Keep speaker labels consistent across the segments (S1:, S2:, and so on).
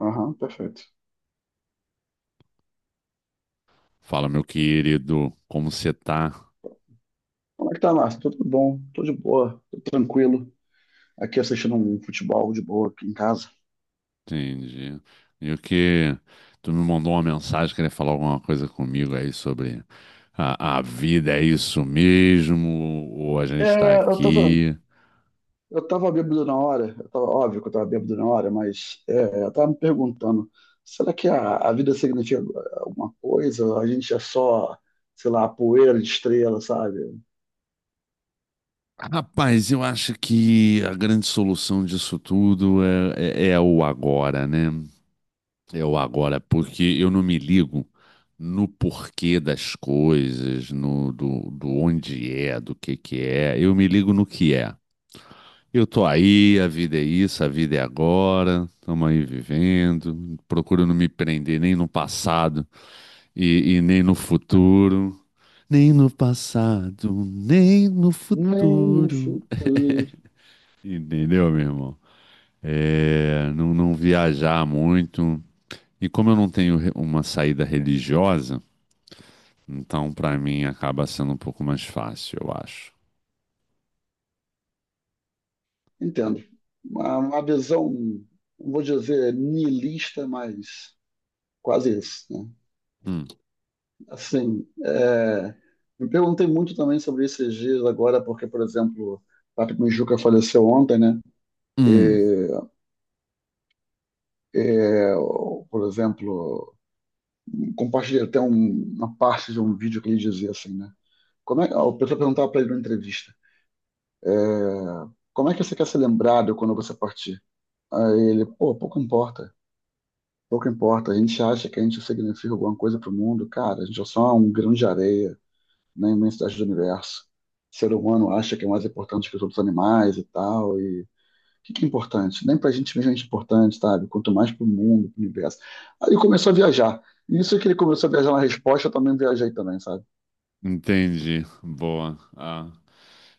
S1: Aham, perfeito.
S2: Fala, meu querido, como você tá?
S1: Como é que tá, Márcio? Tudo bom? Tô de boa, tô tranquilo. Aqui assistindo um futebol de boa aqui em casa.
S2: Entendi. E o que tu me mandou uma mensagem querendo falar alguma coisa comigo aí sobre a vida, é isso mesmo? Ou a gente tá
S1: É, eu tava,
S2: aqui?
S1: eu tava bêbado na hora. Eu tava, óbvio que eu tava bêbado na hora, mas eu tava me perguntando, será que a vida significa alguma coisa? A gente é só, sei lá, poeira de estrela, sabe?
S2: Rapaz, eu acho que a grande solução disso tudo é o agora, né? É o agora, porque eu não me ligo no porquê das coisas, no do onde é, do que é. Eu me ligo no que é. Eu tô aí, a vida é isso, a vida é agora, estamos aí vivendo. Procuro não me prender nem no passado e nem no futuro. Nem no passado, nem no
S1: Nem no
S2: futuro.
S1: futuro.
S2: Entendeu, meu irmão? É, não, não viajar muito. E como eu não tenho uma saída religiosa, então pra mim acaba sendo um pouco mais fácil, eu acho. Tô-
S1: Entendo. Uma visão, não vou dizer niilista, mas quase isso, né?
S2: Hum,
S1: Assim, me perguntei muito também sobre esses dias agora, porque, por exemplo, Patrick Mijuca faleceu ontem, né?
S2: hum,
S1: E, é, por exemplo, compartilhei até uma parte de um vídeo que ele dizia assim, né? Como é, o pessoal perguntava para ele numa entrevista, como é que você quer ser lembrado quando você partir? Aí ele, pô, pouco importa, pouco importa. A gente acha que a gente significa alguma coisa para o mundo, cara, a gente é só um grão de areia na imensidade do universo. O ser humano acha que é mais importante que os outros animais e tal, e o que é importante? Nem pra gente mesmo é importante, sabe? Quanto mais pro mundo, pro universo. Aí ele começou a viajar. E isso que ele começou a viajar na resposta, eu também viajei também, sabe?
S2: entendi. Boa. Ah.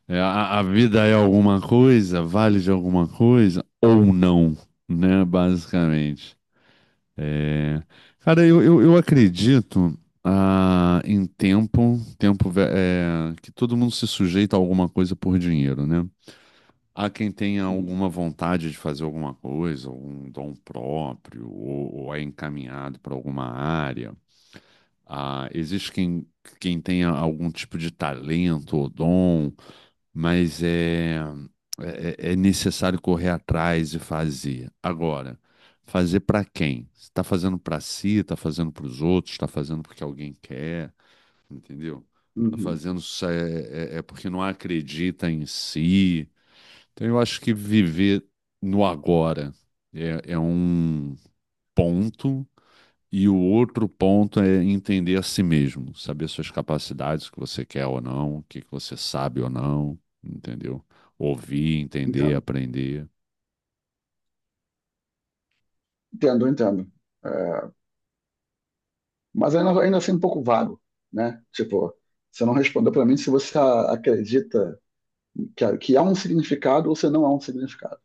S2: É, a vida é alguma coisa, vale de alguma coisa ou não, né? Basicamente. É, cara, eu acredito em tempo, é, que todo mundo se sujeita a alguma coisa por dinheiro, né? Há quem tenha alguma vontade de fazer alguma coisa, algum dom próprio, ou é encaminhado para alguma área. Ah, existe quem tenha algum tipo de talento ou dom mas é, é necessário correr atrás e fazer. Agora, fazer para quem? Você está fazendo para si, está fazendo para os outros, está fazendo porque alguém quer, entendeu? Está
S1: Uhum.
S2: fazendo é porque não acredita em si. Então, eu acho que viver no agora é, é um ponto e o outro ponto é entender a si mesmo, saber suas capacidades, o que você quer ou não, o que que você sabe ou não, entendeu? Ouvir, entender,
S1: Entendo,
S2: aprender.
S1: entendo, entendo. É, mas ainda assim um pouco vago, né? Tipo, você não respondeu pra mim se você acredita que há um significado ou se não há um significado.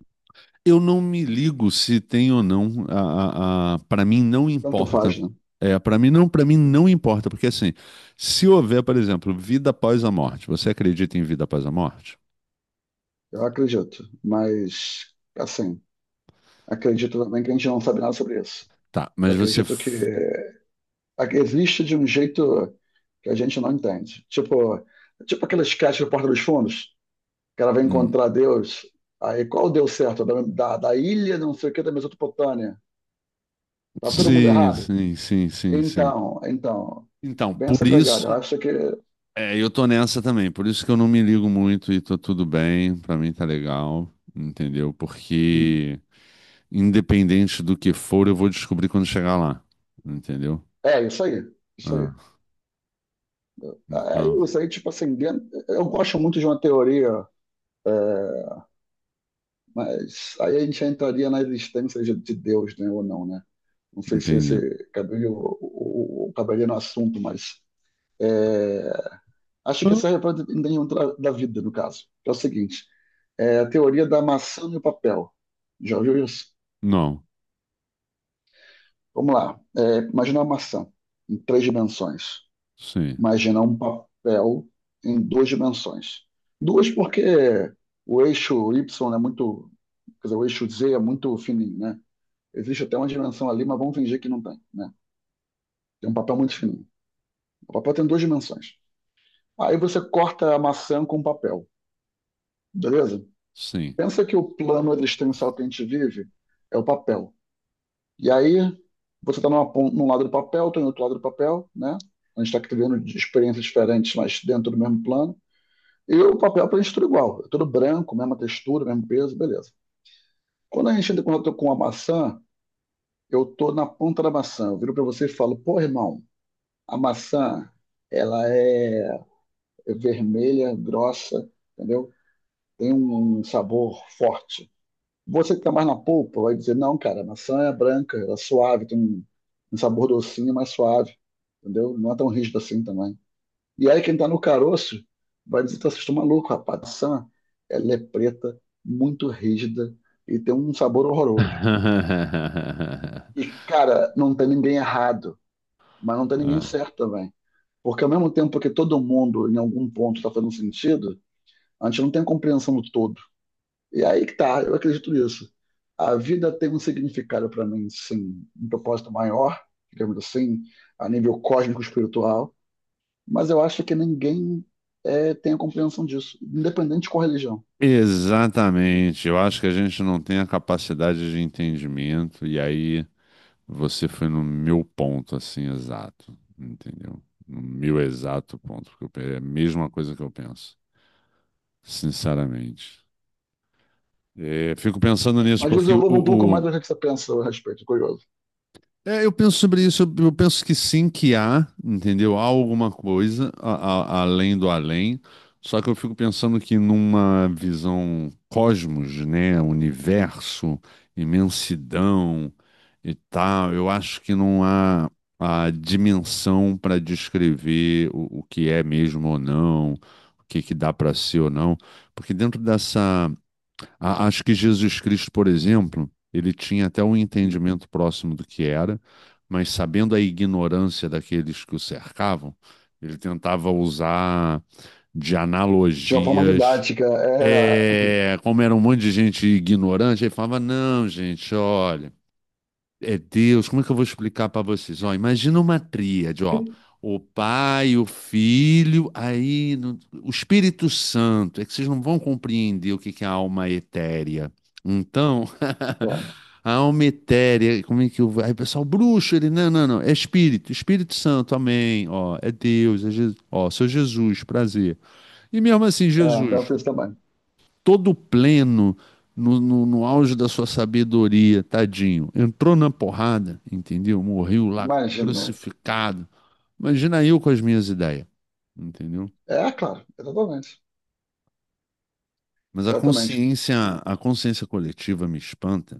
S2: Eu não me ligo se tem ou não, a para mim não
S1: Tanto
S2: importa.
S1: faz, né?
S2: É, para mim não importa, porque assim, se houver, por exemplo, vida após a morte, você acredita em vida após a morte?
S1: Eu acredito, mas assim, acredito também que a gente não sabe nada sobre isso.
S2: Tá,
S1: Eu
S2: mas
S1: acredito que existe de um jeito que a gente não entende. Tipo aquele sketch do Porta dos Fundos, que ela vai
S2: hum,
S1: encontrar Deus. Aí qual deu certo? Da ilha, não sei o que, da Mesopotâmia. Tá todo mundo
S2: sim,
S1: errado?
S2: sim, sim, sim, sim.
S1: Então,
S2: Então,
S1: bem essa
S2: por
S1: pegada. Eu
S2: isso
S1: acho que
S2: é, eu tô nessa também, por isso que eu não me ligo muito e tô tudo bem, pra mim tá legal, entendeu?
S1: hum,
S2: Porque independente do que for, eu vou descobrir quando chegar lá, entendeu?
S1: é isso aí, isso aí.
S2: Ah,
S1: É
S2: então,
S1: isso aí, tipo assim, eu gosto muito de uma teoria, é, mas aí a gente entraria na existência de Deus, né, ou não, né? Não sei se
S2: entendi.
S1: esse cabelo o caberia no assunto, mas é, acho que
S2: Ah.
S1: serve para nenhum da vida, no caso. Que é o seguinte: é a teoria da maçã e o papel. Já ouviu isso?
S2: Não,
S1: Vamos lá. Imagina uma maçã em três dimensões.
S2: sim,
S1: Imagina um papel em duas dimensões. Duas porque o eixo Y é muito, quer dizer, o eixo Z é muito fininho, né? Existe até uma dimensão ali, mas vamos fingir que não tem, né? Tem um papel muito fininho. O papel tem duas dimensões. Aí você corta a maçã com papel, beleza?
S2: sim.
S1: Pensa que o plano existencial que a gente vive é o papel. E aí você está num lado do papel, estou em outro lado do papel, né? A gente está vivendo de experiências diferentes, mas dentro do mesmo plano. E o papel para a gente é tudo igual, é tudo branco, mesma textura, mesmo peso, beleza. Quando a gente entra em contato com a maçã, eu estou na ponta da maçã. Eu viro para você e falo, pô, irmão, a maçã, ela é vermelha, grossa, entendeu? Tem um sabor forte. Você que está mais na polpa vai dizer, não, cara, a maçã é branca, ela é suave, tem um sabor docinho, mais suave, entendeu? Não é tão rígido assim também. E aí quem está no caroço vai dizer, tá, vocês estão malucos, rapaz, a maçã, ela é preta, muito rígida e tem um sabor horroroso. E, cara, não tem ninguém errado, mas não tem ninguém
S2: Ah,
S1: certo também. Porque ao mesmo tempo que todo mundo, em algum ponto, está fazendo sentido, a gente não tem a compreensão do todo. E aí que tá, eu acredito nisso. A vida tem um significado para mim, sim, um propósito maior, digamos assim, a nível cósmico espiritual, mas eu acho que ninguém tem a compreensão disso, independente de qual religião.
S2: exatamente, eu acho que a gente não tem a capacidade de entendimento e aí você foi no meu ponto, assim, exato, entendeu? No meu exato ponto, porque é a mesma coisa que eu penso, sinceramente. É, fico pensando nisso,
S1: Mas
S2: porque
S1: desenvolva um pouco mais do que você pensa a respeito, curioso.
S2: é, eu penso sobre isso, eu penso que sim, que há, entendeu? Há alguma coisa além do além, só que eu fico pensando que numa visão cosmos, né? Universo, imensidão e tal, eu acho que não há a dimensão para descrever o que é mesmo ou não, o que que dá para ser ou não, porque dentro dessa acho que Jesus Cristo, por exemplo, ele tinha até um entendimento próximo do que era, mas sabendo a ignorância daqueles que o cercavam, ele tentava usar de
S1: De uma forma
S2: analogias.
S1: didática,
S2: É, como era um monte de gente ignorante, ele falava: não, gente, olha. É Deus, como é que eu vou explicar para vocês? Ó, imagina uma tríade, ó. O Pai, o Filho, aí no- o Espírito Santo. É que vocês não vão compreender o que que é a alma etérea. Então, a alma etérea, como é que eu... Aí o pessoal, bruxo, ele, não, não, não, é Espírito, Espírito Santo, amém. Ó, é Deus, é Jesus, ó, seu Jesus, prazer. E mesmo assim, Jesus,
S1: penso isso também.
S2: todo pleno, no auge da sua sabedoria, tadinho. Entrou na porrada, entendeu? Morreu lá
S1: Imagina.
S2: crucificado. Imagina eu com as minhas ideias, entendeu?
S1: É, claro, exatamente.
S2: Mas
S1: Exatamente.
S2: a consciência coletiva me espanta,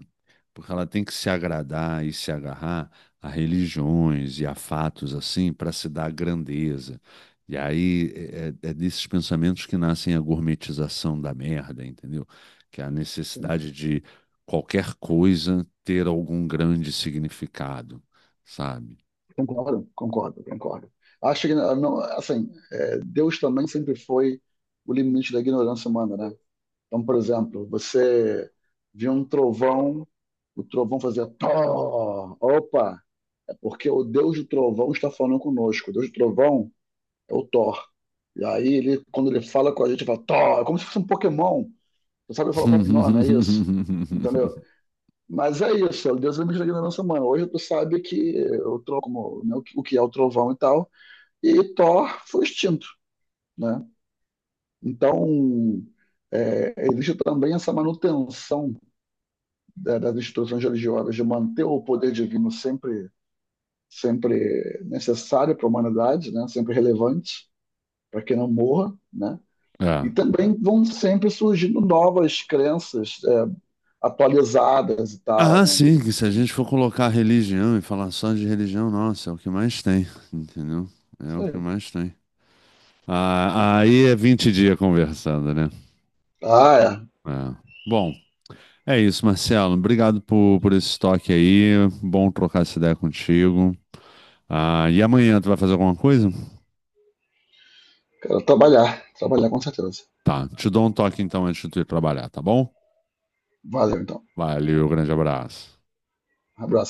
S2: porque ela tem que se agradar e se agarrar a religiões e a fatos assim para se dar grandeza. E aí é, é desses pensamentos que nascem a gourmetização da merda, entendeu? Que é a necessidade de qualquer coisa ter algum grande significado, sabe?
S1: Concordo, concordo, concordo. Acho que, ah, não, assim, Deus também sempre foi o limite da ignorância humana, né? Então, por exemplo, você viu um trovão, o trovão fazia Thor. Opa, é porque o Deus do trovão está falando conosco. O Deus do trovão é o Thor. E aí, ele, quando ele fala com a gente, ele fala Thor. É como se fosse um Pokémon. Você sabe falar o próprio nome, é isso. Entendeu? Mas é isso, Deus é o limite da ignorância humana. Hoje tu sabe como, né, o que é o trovão e tal e Thor foi extinto, né? Então, existe também essa manutenção das instituições religiosas, de manter o poder divino sempre, sempre necessário para a humanidade, né? Sempre relevante, para que não morra. Né?
S2: É.
S1: E também vão sempre surgindo novas crenças atualizadas e tal.
S2: Ah,
S1: Né?
S2: sim, que se a gente for colocar religião e falar só de religião, nossa, é o que mais tem, entendeu? É
S1: Isso
S2: o que
S1: aí.
S2: mais tem. Ah, aí é 20 dias conversando, né?
S1: Ah, é.
S2: É. Bom, é isso, Marcelo. Obrigado por esse toque aí. Bom trocar essa ideia contigo. Ah, e amanhã tu vai fazer alguma coisa?
S1: Quero trabalhar, trabalhar com certeza.
S2: Tá, te dou um toque então antes de tu ir trabalhar, tá bom?
S1: Valeu, então.
S2: Valeu, grande abraço.
S1: Abraço.